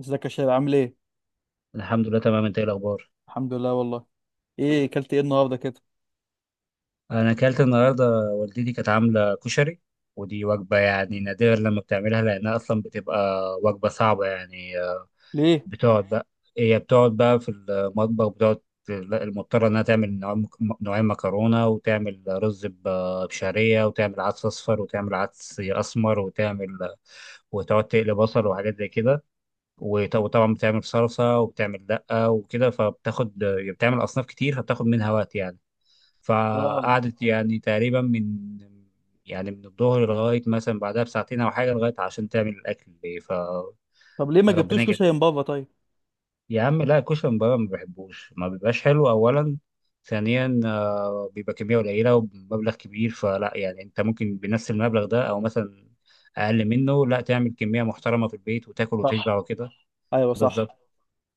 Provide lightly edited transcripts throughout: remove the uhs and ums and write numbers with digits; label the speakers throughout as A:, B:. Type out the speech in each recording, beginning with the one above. A: ازيك يا شباب؟ عامل ايه؟
B: الحمد لله، تمام. انت ايه الاخبار؟
A: الحمد لله والله. ايه اكلت ايه النهارده كده؟
B: انا اكلت النهارده. والدتي كانت عامله كشري، ودي وجبه يعني نادرا لما بتعملها لانها اصلا بتبقى وجبه صعبه يعني
A: ليه؟
B: بتقعد بقى هي بتقعد بقى في المطبخ بتقعد. لا، المضطره انها تعمل نوعين مكرونه، وتعمل رز بشعريه، وتعمل عدس اصفر، وتعمل عدس اسمر، وتعمل وتقعد تقلي بصل وحاجات زي كده. وطبعا بتعمل صلصه، وبتعمل دقه وكده، فبتاخد بتعمل اصناف كتير فبتاخد منها وقت يعني.
A: اه.
B: فقعدت يعني تقريبا من الظهر لغاية مثلا بعدها بساعتين أو حاجة، لغاية عشان تعمل الأكل. فربنا
A: طب ليه ما جبتوش
B: يجزاك.
A: كشري من بابا طيب؟
B: يا عم، لا الكشري من بره ما بحبوش، ما بيبقاش حلو أولا. ثانيا بيبقى كمية قليلة ومبلغ كبير، فلا يعني أنت ممكن بنفس المبلغ ده أو مثلا أقل منه، لا تعمل كمية محترمة في البيت وتاكل
A: صح.
B: وتشبع وكده.
A: ايوه صح.
B: بالظبط.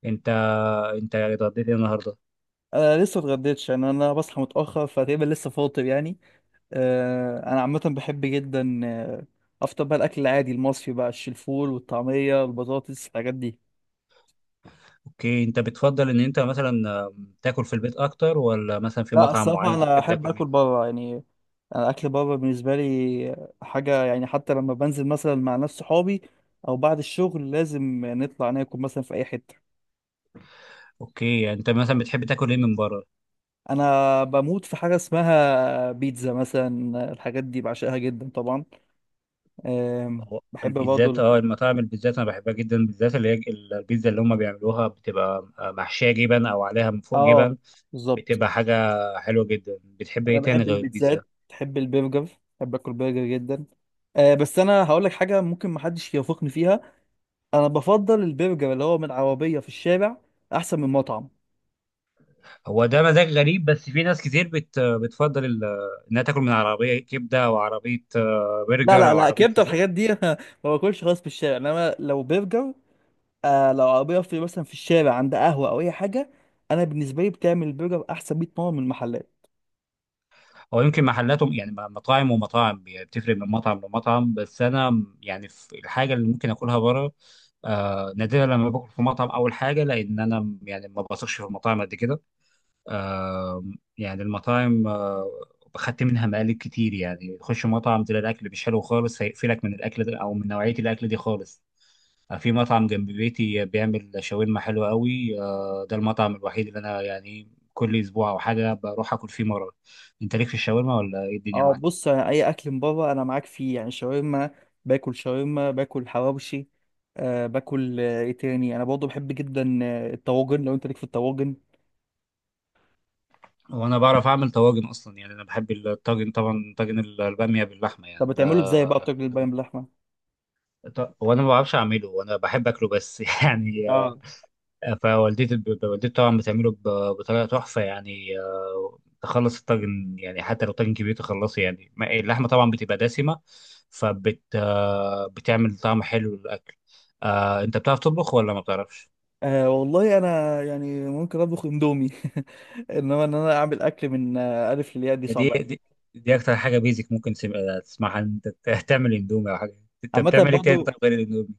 B: أنت أنت يعني اتغديت إيه النهاردة؟
A: انا لسه اتغديتش يعني، انا بصحى متاخر فتقريبا لسه فاطر يعني. انا عامه بحب جدا افطر بقى الاكل العادي المصري بقى، الفول والطعميه والبطاطس الحاجات دي.
B: اوكي، انت بتفضل ان انت مثلا تاكل في البيت اكتر، ولا مثلا في
A: لا
B: مطعم
A: الصراحه
B: معين
A: انا
B: بتحب
A: احب
B: تاكل
A: اكل
B: منه؟
A: بره يعني، انا اكل بره بالنسبه لي حاجه يعني، حتى لما بنزل مثلا مع ناس صحابي او بعد الشغل لازم نطلع ناكل مثلا في اي حته.
B: اوكي، يعني انت مثلا بتحب تاكل ايه من بره؟
A: انا بموت في حاجه اسمها بيتزا مثلا، الحاجات دي بعشقها جدا طبعا.
B: هو
A: بحب برضه
B: البيتزات، المطاعم البيتزات انا بحبها جدا، بالذات اللي هي البيتزا اللي هم بيعملوها بتبقى محشيه جبن او عليها من فوق
A: اه
B: جبن.
A: بالظبط.
B: بتبقى حاجه حلوه جدا. بتحب
A: انا
B: ايه تاني
A: بحب
B: غير البيتزا؟
A: البيتزات، بحب البرجر، بحب اكل برجر جدا. أه بس انا هقول لك حاجه ممكن محدش يوافقني فيها، انا بفضل البرجر اللي هو من عربيه في الشارع احسن من مطعم.
B: هو ده مزاج غريب، بس في ناس كتير بتفضل انها تاكل من عربيه كبده، او عربيه
A: لا
B: برجر،
A: لا
B: او
A: لا،
B: عربيه.
A: كبده الحاجات دي ما باكلش خالص في الشارع، انما لو برجر، آه لو عربيه في مثلا في الشارع عند قهوه او اي حاجه، انا بالنسبه لي بتعمل البرجر احسن 100 مره من المحلات.
B: هو يمكن محلاتهم يعني مطاعم ومطاعم بتفرق من مطعم لمطعم، بس انا يعني في الحاجه اللي ممكن اكلها بره. نادرا لما باكل في مطعم. اول حاجه، لان انا يعني ما بثقش في المطاعم قد كده. آم، يعني المطاعم خدت منها مقالب كتير. يعني تخش مطعم تلاقي الاكل مش حلو خالص، هيقفلك من الاكل ده او من نوعيه الاكل دي خالص. في مطعم جنب بيتي بيعمل شاورما حلوه قوي. ده المطعم الوحيد اللي انا يعني كل اسبوع او حاجه بروح اكل فيه مره. انت ليك في الشاورما ولا ايه الدنيا
A: اه
B: معاك؟
A: بص يعني اي اكل من بره انا معاك فيه، يعني شاورما، باكل شاورما، باكل حواوشي، باكل ايه تاني؟ انا برضه بحب جدا الطواجن، لو انت ليك في الطواجن.
B: وانا بعرف اعمل طواجن اصلا، يعني انا بحب الطاجن طبعا. طاجن الباميه باللحمه
A: طب
B: يعني ده.
A: بتعمله ازاي بقى الطاجن البايم باللحمه؟
B: وانا ما بعرفش اعمله وانا بحب اكله بس يعني.
A: اه.
B: فوالدتي طبعا بتعمله بطريقه تحفه يعني. تخلص الطاجن، يعني حتى لو طاجن كبير تخلصه، يعني اللحمه طبعا بتبقى دسمه، فبت آه، بتعمل طعم حلو للاكل. انت بتعرف تطبخ ولا ما بتعرفش؟
A: آه والله انا يعني ممكن اطبخ اندومي انما ان انا اعمل اكل من الف للياء دي
B: دي
A: صعبه
B: دي,
A: قوي.
B: دي اكتر حاجه بيزك ممكن تسمعها إن انت تعمل اندومي او حاجه. انت
A: عامه
B: بتعمل ايه تاني طب
A: برضه
B: غير الاندومي؟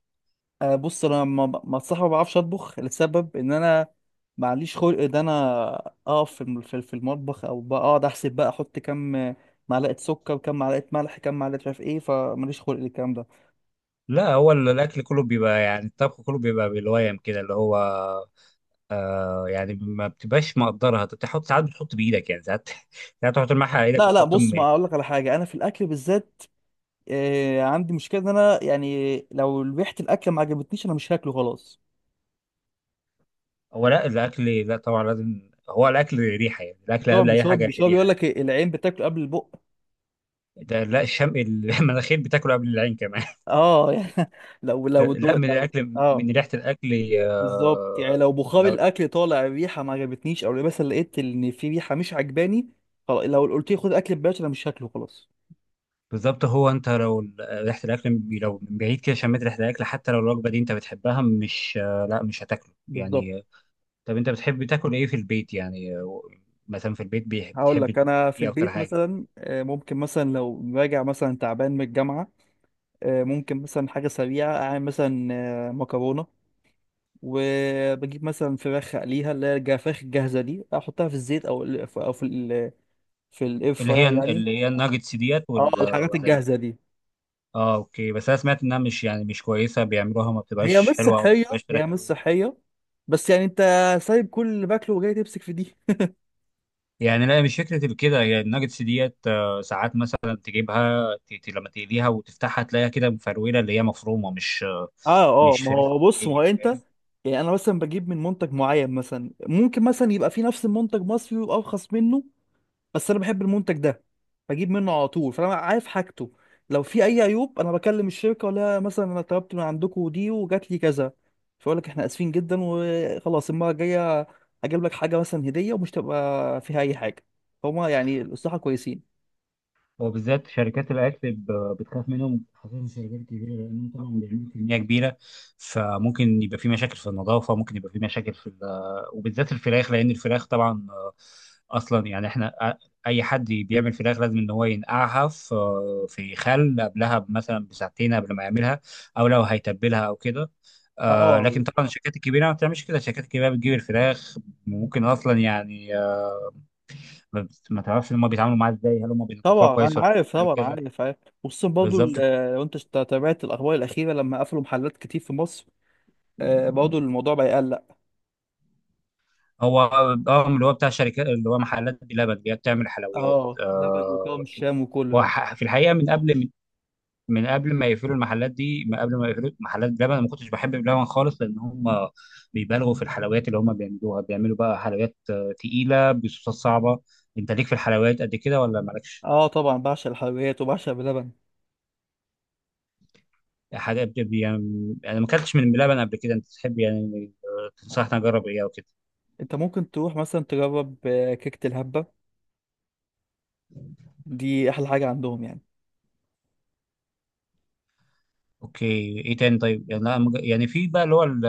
A: بص، انا ما ب- ما الصراحه ما بعرفش اطبخ، لسبب ان انا معليش خلق ان انا اقف في المطبخ، او بقى اقعد احسب بقى، احط كام معلقه سكر وكام معلقه ملح كام معلقه مش عارف ايه، فماليش خلق للكلام ده.
B: لا، هو الاكل كله بيبقى يعني الطبخ كله بيبقى بالويم كده، اللي هو يعني ما بتبقاش مقدرها، انت بتحط ساعات، بتحط بايدك يعني ساعات ساعات تحط الملح على ايدك
A: لا لا
B: وتحط
A: بص،
B: يعني.
A: ما اقول لك على حاجه، انا في الاكل بالذات عندي مشكله ان انا يعني لو ريحه الاكل ما عجبتنيش انا مش هاكله خلاص.
B: هو لا، الاكل لا طبعا لازم، هو الاكل ريحه يعني، الاكل قبل اي حاجه
A: مش هو بيقول
B: ريحه.
A: لك العين بتاكل قبل البق؟
B: ده لا، الشم المناخير بتاكله قبل العين كمان
A: اه يعني، لو
B: ده
A: لو
B: لا،
A: دو
B: من
A: لو
B: الاكل،
A: اه
B: من ريحه الاكل.
A: بالظبط، يعني
B: آه
A: لو بخار
B: لو
A: الاكل طالع، الريحه ما عجبتنيش، او مثلا لقيت ان في ريحه مش عجباني خلاص، لو قلت لي خد اكل ببلاش انا مش هاكله خلاص.
B: بالظبط. هو انت لو ريحه الاكل لو من بعيد كده شميت ريحه الاكل، حتى لو الوجبه دي انت بتحبها، مش لا مش هتاكله
A: بالظبط.
B: يعني. طب انت بتحب تاكل ايه في البيت يعني مثلا في البيت
A: هقول
B: بتحب
A: لك انا في
B: ايه اكتر
A: البيت
B: حاجه؟
A: مثلا، ممكن مثلا لو راجع مثلا تعبان من الجامعه ممكن مثلا حاجه سريعه اعمل مثلا مكرونه، وبجيب مثلا فراخ اقليها، اللي هي الجفاخ الجاهزه دي احطها في الزيت، او في الاير
B: اللي هي
A: فراير يعني.
B: اللي هي الناجتس ديت
A: اه
B: ولا
A: الحاجات
B: ولا ايه؟
A: الجاهزه دي
B: اه اوكي، بس انا سمعت انها مش يعني مش كويسه بيعملوها، ما
A: هي
B: بتبقاش
A: مش
B: حلوه او ما
A: صحية،
B: بتبقاش فراخ
A: هي مش
B: قوي
A: صحية، بس يعني انت سايب كل اللي باكله وجاي تمسك في دي؟
B: يعني. لا، مش فكره كده. هي الناجتس ديت ساعات مثلا تجيبها لما تقليها وتفتحها تلاقيها كده مفروله اللي هي مفرومه، مش
A: اه اه.
B: مش
A: ما
B: فراخ.
A: هو بص، ما هو
B: هي
A: انت
B: فاهم؟
A: يعني انا مثلا بجيب من منتج معين، مثلا ممكن مثلا يبقى في نفس المنتج مصري ويبقى ارخص منه، بس انا بحب المنتج ده بجيب منه على طول، فانا عارف حاجته، لو في اي عيوب انا بكلم الشركة، ولا مثلا انا طلبت من عندكم دي وجات لي كذا، فيقول لك احنا اسفين جدا وخلاص، المرة الجاية هجيب لك حاجة مثلا هدية ومش تبقى فيها اي حاجة، فهم يعني الصراحة كويسين.
B: وبالذات شركات الاكل بتخاف منهم، خاصه شركات كبيره لانهم طبعا بيعملوا كميه كبيره. فممكن يبقى في مشاكل في النظافه، ممكن يبقى في مشاكل في ال-. وبالذات الفراخ، لان الفراخ طبعا اصلا يعني احنا اي حد بيعمل فراخ لازم ان هو ينقعها في في خل، قبلها مثلا بساعتين قبل ما يعملها، او لو هيتبلها او كده. لكن
A: اه
B: طبعا الشركات الكبيره ما بتعملش كده. الشركات الكبيره بتجيب الفراخ، ممكن اصلا يعني ما تعرفش هم بيتعاملوا معاها ازاي، هل هم بينظفوها
A: طبعا
B: كويس
A: انا
B: ولا
A: عارف،
B: هل
A: طبعا
B: كذا.
A: عارف عارف. وخصوصا برضه
B: بالظبط.
A: لو تابعت الاخبار الاخيره لما قفلوا محلات كتير في مصر، برضه الموضوع بقى يقلق.
B: هو اه اللي هو بتاع شركات، اللي هو محلات بلبن اللي هي بتعمل حلويات
A: اه بلبن وكرم الشام وكل
B: هو
A: ده.
B: في الحقيقه من قبل ما يقفلوا المحلات دي، من قبل ما يقفلوا محلات بلبن، أنا ما كنتش بحب بلبن خالص. لان هم بيبالغوا في الحلويات اللي هم بيعملوها. بيعملوا بقى حلويات تقيله بصوصات صعبه. انت ليك في الحلويات قد كده ولا مالكش؟
A: اه طبعا بعشق الحلويات وبعشق بلبن.
B: حاجه يعني انا ما اكلتش من بلبن قبل كده. انت تحب يعني تنصحني اجرب ايه او كده؟
A: انت ممكن تروح مثلا تجرب كيكه الهبه، دي احلى حاجه عندهم يعني.
B: اوكي. ايه تاني طيب؟ يعني أنا يعني في بقى اللي هو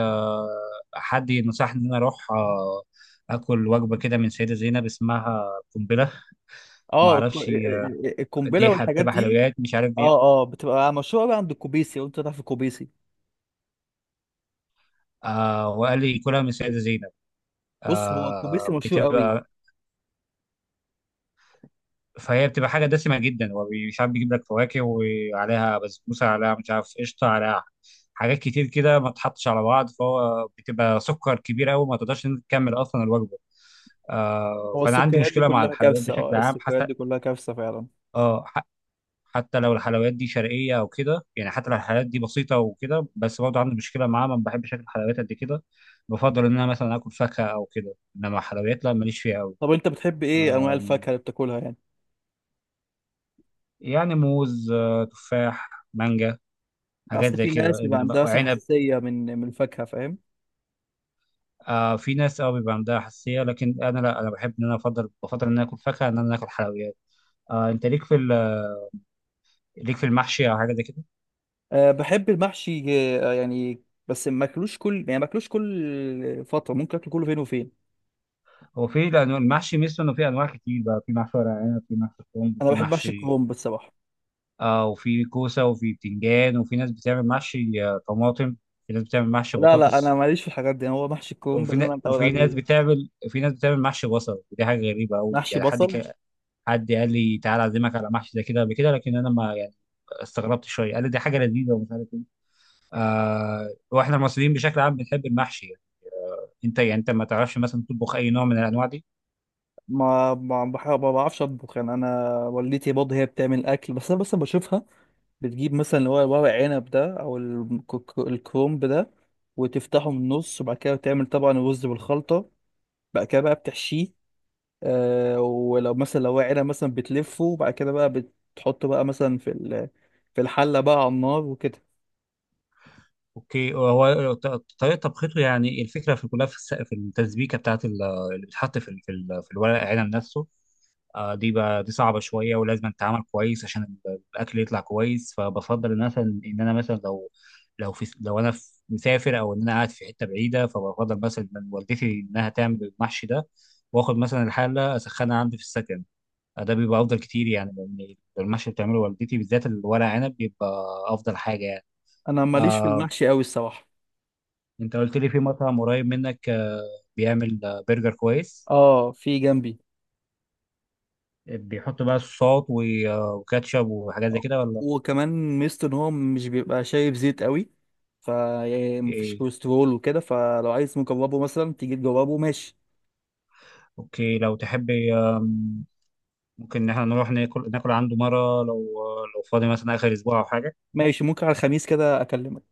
B: حد نصحني ان انا اروح اكل وجبه كده من سيده زينب اسمها قنبله. ما
A: اه
B: اعرفش
A: القنبله
B: دي
A: والحاجات
B: بتبقى
A: دي.
B: حلويات مش عارف دي.
A: اه اه بتبقى مشهوره بقى عند الكوبيسي، وانت تعرف الكوبيسي،
B: وقال لي كلها من سيده زينب.
A: بص هو الكوبيسي
B: آه
A: مشهور قوي.
B: بتبقى فهي بتبقى حاجه دسمه جدا، ومش عارف بيجيب لك فواكه وعليها بسبوسه، عليها مش عارف قشطه عليها، حاجات كتير كده ما تحطش على بعض، فهو بتبقى سكر كبير قوي، ما تقدرش إن أنت تكمل اصلا الوجبه.
A: هو
B: فانا عندي
A: السكريات دي
B: مشكله مع
A: كلها
B: الحلويات
A: كارثه، اه
B: بشكل عام
A: السكريات
B: حتى.
A: دي كلها كارثه فعلا.
B: اه ح- حتى لو الحلويات دي شرقيه او كده، يعني حتى لو الحلويات دي بسيطه وكده، بس برضه عندي مشكله معاها، ما بحبش اكل حلويات قد كده. بفضل ان انا مثلا اكل فاكهه او كده، انما حلويات لا ماليش فيها قوي.
A: طب انت بتحب ايه انواع الفاكهه اللي بتاكلها يعني؟
B: يعني موز، تفاح، مانجا، حاجات
A: اصل
B: زي
A: في
B: كده،
A: ناس بيبقى
B: انما
A: عندها مثلا
B: وعنب.
A: حساسيه من الفاكهه، فاهم؟
B: في ناس بيبقى عندها حساسيه، لكن انا لا، انا بحب ان انا افضل، بفضل ان انا اكل فاكهه ان انا اكل حلويات. انت ليك في المحشي او حاجه زي كده؟
A: أه بحب المحشي يعني، بس ما اكلوش كل، يعني ما اكلوش كل فتره، ممكن اكل كله فين وفين.
B: هو في لانه المحشي ميزته انه في انواع كتير بقى. في محشي ورق عنب، في محشي كرنب،
A: انا
B: في
A: بحب محشي
B: محشي
A: الكرنب الصراحه.
B: وفي كوسه، وفي بتنجان، وفي ناس بتعمل محشي طماطم، في ناس بتعمل محشي
A: لا لا انا
B: بطاطس،
A: ماليش في الحاجات دي، هو محشي الكرنب اللي انا متعود
B: وفي ناس
A: عليه.
B: بتعمل محشي بصل. ودي حاجه غريبه قوي
A: محشي
B: يعني،
A: بصل؟
B: حد قال لي تعالى اعزمك على محشي زي كده قبل كده، لكن انا ما يعني استغربت شويه، قال لي دي حاجه لذيذه ومش عارف ايه. واحنا المصريين بشكل عام بنحب المحشي يعني. انت يعني انت ما تعرفش مثلا تطبخ اي نوع من الانواع دي؟
A: ما بعرفش اطبخ يعني، انا والدتي برضه هي بتعمل اكل، بس انا بس بشوفها بتجيب مثلا اللي هو ورق عنب ده، او الكرومب ده، وتفتحه من النص، وبعد كده تعمل طبعا الرز بالخلطه، بعد كده بقى بتحشيه، آه ولو مثلا لو ورق عنب مثلا بتلفه، وبعد كده بقى بتحطه بقى مثلا في الحله بقى على النار وكده.
B: اوكي، هو طريقه طبخته يعني الفكره في كلها في في التسبيكه بتاعت اللي بتتحط في في الورق العنب نفسه. دي بقى دي صعبه شويه، ولازم تتعمل كويس عشان الاكل يطلع كويس. فبفضل مثلا ان انا مثلا لو انا مسافر، او ان انا قاعد في حته بعيده، فبفضل مثلا من والدتي انها تعمل المحشي ده. واخد مثلا الحله اسخنها عندي في السكن. ده بيبقى افضل كتير يعني لان المحشي اللي بتعمله والدتي، بالذات الورق عنب، بيبقى افضل حاجه يعني.
A: انا ماليش في
B: آه،
A: المحشي قوي الصراحه.
B: انت قلت لي في مطعم قريب منك بيعمل برجر كويس،
A: اه في جنبي،
B: بيحط بقى صوصات و- وكاتشب وحاجات زي كده ولا
A: وكمان ميزته ان هو مش بيبقى شايب زيت قوي، ف يعني مفيش
B: ايه؟
A: كوليسترول وكده، فلو عايز مجربه مثلا تيجي تجربه ماشي.
B: اوكي، لو تحب ممكن ان احنا نروح ناكل عنده مره، لو فاضي مثلا اخر اسبوع او حاجه.
A: ماشي، ممكن على الخميس كده اكلمك.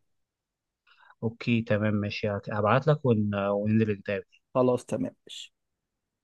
B: اوكي تمام ماشي، هبعت لك وننزل نتقابل.
A: خلاص تمام ماشي.